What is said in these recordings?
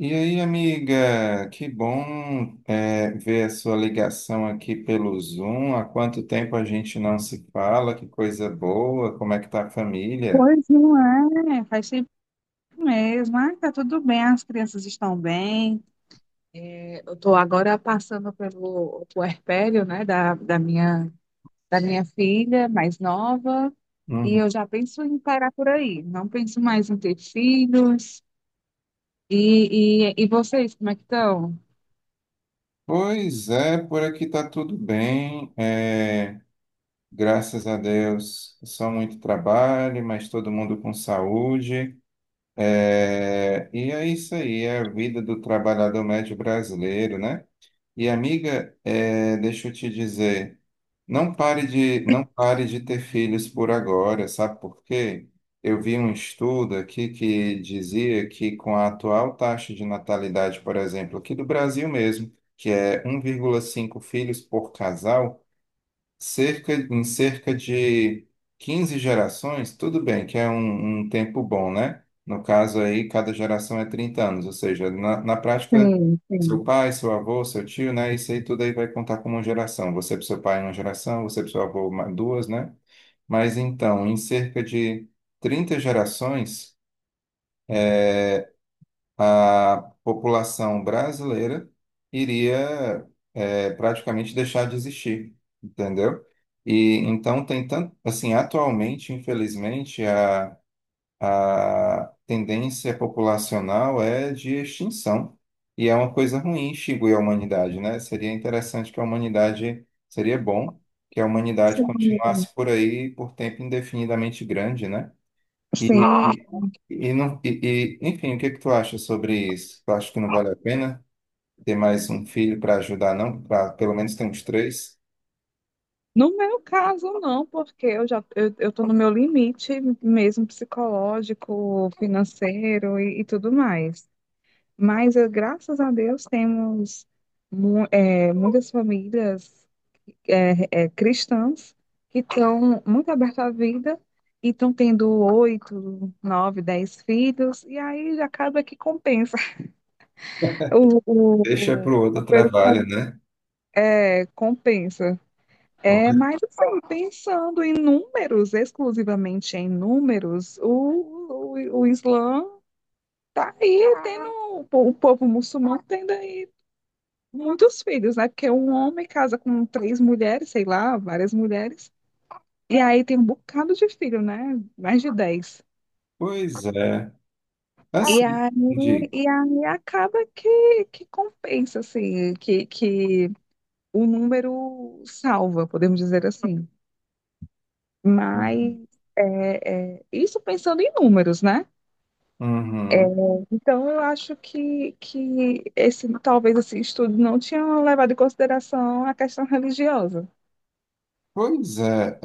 E aí, amiga, que bom é ver a sua ligação aqui pelo Zoom. Há quanto tempo a gente não se fala? Que coisa boa! Como é que tá a família? Não é, faz tempo mesmo. Ah, tá tudo bem, as crianças estão bem. É, eu tô agora passando pelo puerpério, né, da minha filha mais nova, e Uhum. eu já penso em parar por aí. Não penso mais em ter filhos. E vocês, como é que estão? Pois é, por aqui tá tudo bem. Graças a Deus, só muito trabalho, mas todo mundo com saúde. E é isso aí, é a vida do trabalhador médio brasileiro, né? E amiga, deixa eu te dizer, não pare de ter filhos por agora, sabe por quê? Eu vi um estudo aqui que dizia que com a atual taxa de natalidade, por exemplo, aqui do Brasil mesmo, que é 1,5 filhos por casal, em cerca de 15 gerações, tudo bem, que é um tempo bom, né? No caso aí, cada geração é 30 anos, ou seja, na prática, Sim, seu sim. pai, seu avô, seu tio, né? Isso aí tudo aí vai contar como uma geração. Você para seu pai é uma geração, você para seu avô duas, né? Mas então, em cerca de 30 gerações, a população brasileira iria praticamente deixar de existir, entendeu? E então tem tanto, assim, atualmente, infelizmente, a tendência populacional é de extinção. E é uma coisa ruim extinguir a humanidade, né? Seria interessante que a humanidade, seria bom que a humanidade Sim. continuasse por aí por tempo indefinidamente grande, né? E, Sim. e, e não, e, enfim, o que que tu acha sobre isso? Tu acha que não vale a pena ter mais um filho para ajudar, não? Para pelo menos ter uns três? No meu caso, não, porque eu tô no meu limite mesmo psicológico, financeiro e, tudo mais. Mas, graças a Deus, temos muitas famílias cristãs que estão muito abertas à vida e estão tendo oito, nove, 10 filhos, e aí acaba que compensa. O, Deixa para o o outro número com- trabalho, né? eh, compensa. É, mas, assim, pensando em números, exclusivamente em números, o Islã está aí, o povo muçulmano tendo muitos filhos, né? Porque um homem casa com três mulheres, sei lá, várias mulheres, e aí tem um bocado de filho, né? Mais de 10. Pois é. E Assim, aí, digo. e aí acaba que compensa, assim, que o número salva, podemos dizer assim. Mas Uhum. Isso pensando em números, né? Uhum. Então eu acho que esse talvez esse estudo não tinha levado em consideração a questão religiosa. Pois é,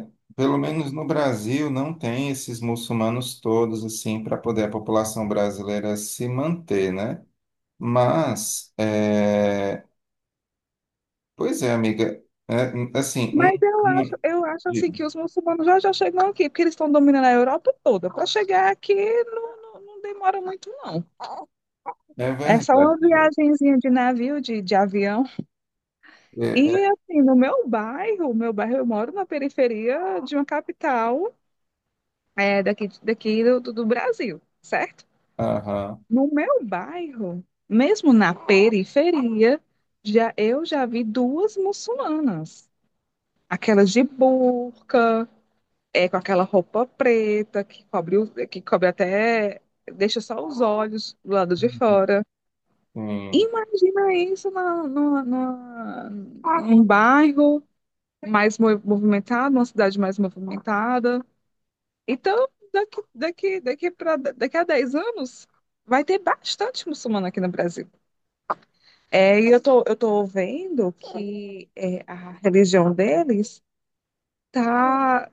é, pelo menos no Brasil não tem esses muçulmanos todos assim para poder a população brasileira se manter, né? Mas, pois é, amiga, assim, Mas um, eu uma- acho, eu acho assim que os muçulmanos já chegam aqui, porque eles estão dominando a Europa toda. Para chegar aqui não demora muito, não. É É só verdade. uma viagenzinha de navio, de avião. É, E é, assim, no meu bairro eu moro na periferia de uma capital daqui, do Brasil, certo? aham. No meu bairro, mesmo na periferia, já eu já vi duas muçulmanas, aquelas de burca com aquela roupa preta que cobre, que cobre até, deixa só os olhos do lado de Sim. fora. Uhum. Imagina isso num bairro mais movimentado, numa cidade mais movimentada. Então, daqui a 10 anos, vai ter bastante muçulmano aqui no Brasil. É, e eu tô vendo a religião deles está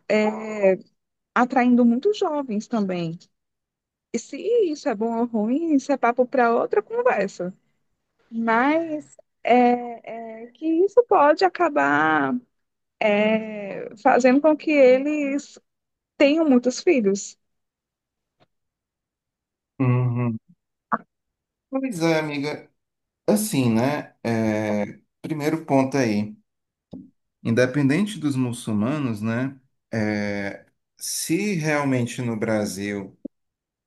atraindo muitos jovens também. E se isso é bom ou ruim, isso é papo para outra conversa. Mas é que isso pode acabar fazendo com que eles tenham muitos filhos. Uhum. Pois é, amiga. Assim, né? Primeiro ponto aí. Independente dos muçulmanos, né? é, Se realmente no Brasil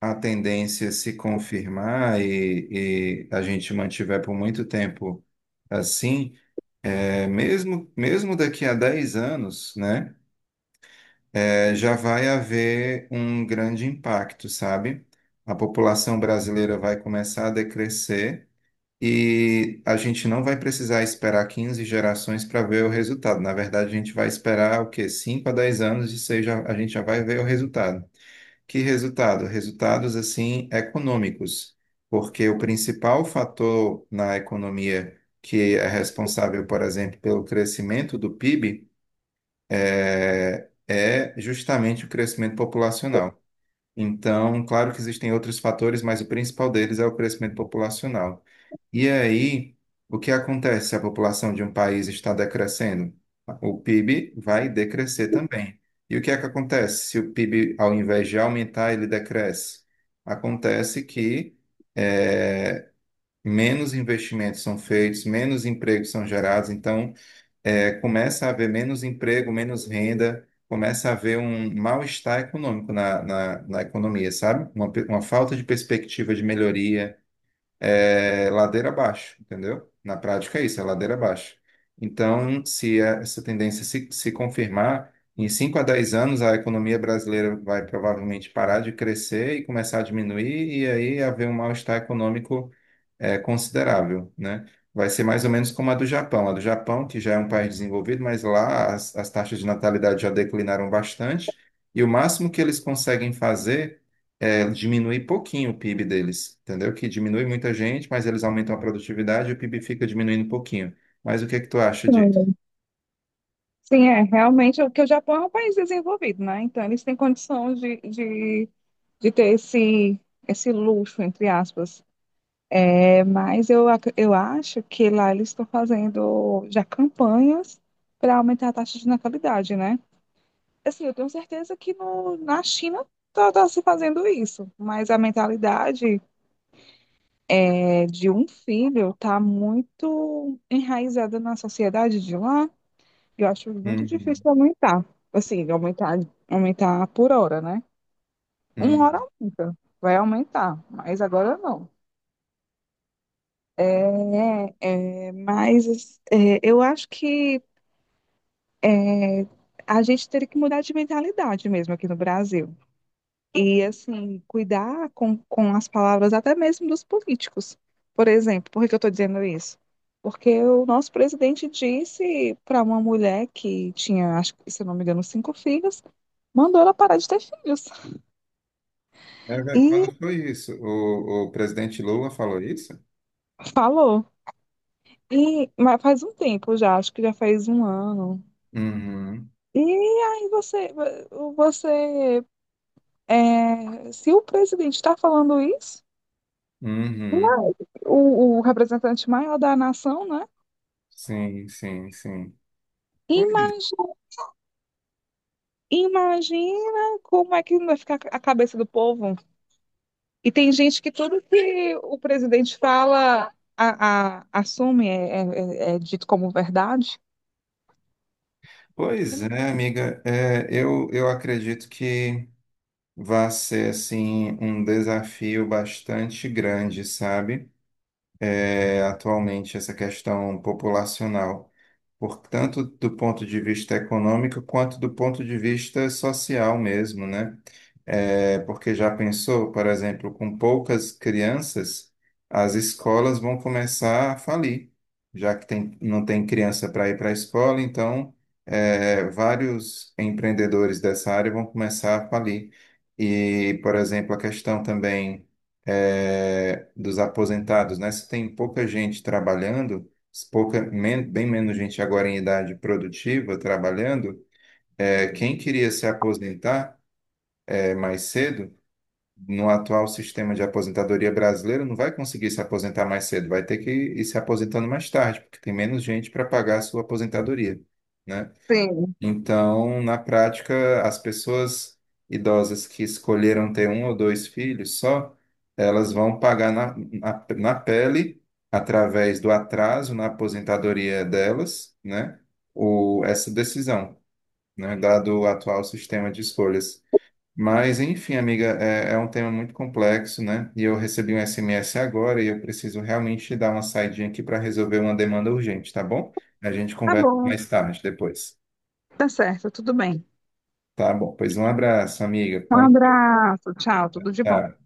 a tendência é se confirmar e a gente mantiver por muito tempo assim, mesmo daqui a 10 anos, né? Já vai haver um grande impacto, sabe? A população brasileira vai começar a decrescer e a gente não vai precisar esperar 15 gerações para ver o resultado. Na verdade, a gente vai esperar o quê? 5 a dez anos e seja, a gente já vai ver o resultado. Que resultado? Resultados assim econômicos, porque o principal fator na economia que é responsável, por exemplo, pelo crescimento do PIB é justamente o crescimento populacional. Então, claro que existem outros fatores, mas o principal deles é o crescimento populacional. E aí, o que acontece se a população de um país está decrescendo? O PIB vai decrescer também. E o que é que acontece se o PIB, ao invés de aumentar, ele decresce? Acontece que eh, menos investimentos são feitos, menos empregos são gerados, então começa a haver menos emprego, menos renda, começa a haver um mal-estar econômico na economia, sabe? Uma falta de perspectiva de melhoria é ladeira abaixo, entendeu? Na prática é isso, é ladeira abaixo. Então, se essa tendência se confirmar, em 5 a 10 anos a economia brasileira vai provavelmente parar de crescer e começar a diminuir, e aí haver um mal-estar econômico considerável, né? Vai ser mais ou menos como a do Japão. A do Japão, que já é um país desenvolvido, mas lá as taxas de natalidade já declinaram bastante, e o máximo que eles conseguem fazer diminui pouquinho o PIB deles, entendeu? Que diminui muita gente, mas eles aumentam a produtividade e o PIB fica diminuindo um pouquinho. Mas o que é que tu acha disso? Sim, sim, é, realmente, o Japão é um país desenvolvido, né? Então, eles têm condição de ter esse luxo, entre aspas. É, mas eu acho que lá eles estão fazendo já campanhas para aumentar a taxa de natalidade, né? Assim, eu tenho certeza que no, na China tá se fazendo isso, mas a mentalidade de um filho tá muito enraizada na sociedade de lá. Eu acho muito Uhum, difícil aumentar, assim, aumentar por hora, né? Uma uhum. hora aumenta, vai aumentar, mas agora não. Mas eu acho é, a gente teria que mudar de mentalidade mesmo aqui no Brasil. E, assim, cuidar com as palavras até mesmo dos políticos. Por exemplo, por que que eu estou dizendo isso? Porque o nosso presidente disse para uma mulher que tinha, acho que, se eu não me engano, cinco filhos, mandou ela parar de ter filhos. É, velho, E quando foi isso? O presidente Lula falou isso? falou. E, mas faz um tempo já, acho que já faz um ano. Uhum, E aí você, você, é, Se o presidente está falando isso, uhum. o representante maior da nação, né? Sim, sim, sim. Pois Imagina Imagina como é que não vai ficar a cabeça do povo. E tem gente que tudo que o presidente fala, assume, é dito como verdade. pois é, amiga. É, eu acredito que vai ser, assim, um desafio bastante grande, sabe? É, atualmente, essa questão populacional. Por tanto do ponto de vista econômico quanto do ponto de vista social mesmo, né? É, porque já pensou, por exemplo, com poucas crianças, as escolas vão começar a falir, já que tem, não tem criança para ir para a escola, então vários empreendedores dessa área vão começar a falir. E, por exemplo, a questão também dos aposentados, né? Se tem pouca gente trabalhando bem menos gente agora em idade produtiva trabalhando, quem queria se aposentar mais cedo, no atual sistema de aposentadoria brasileiro, não vai conseguir se aposentar mais cedo, vai ter que ir se aposentando mais tarde, porque tem menos gente para pagar a sua aposentadoria, né? Sim, Então, na prática, as pessoas idosas que escolheram ter um ou dois filhos só, elas vão pagar na pele, através do atraso na aposentadoria delas, né, o, essa decisão, né, dado o atual sistema de escolhas. Mas, enfim, amiga, é um tema muito complexo, né? E eu recebi um SMS agora e eu preciso realmente dar uma saidinha aqui para resolver uma demanda urgente, tá bom? A gente tá conversa bom, mais tarde, depois. tá certo, tudo bem. Tá bom, pois um abraço, amiga. Um Bom, abraço, tchau, tudo de bom. tchau.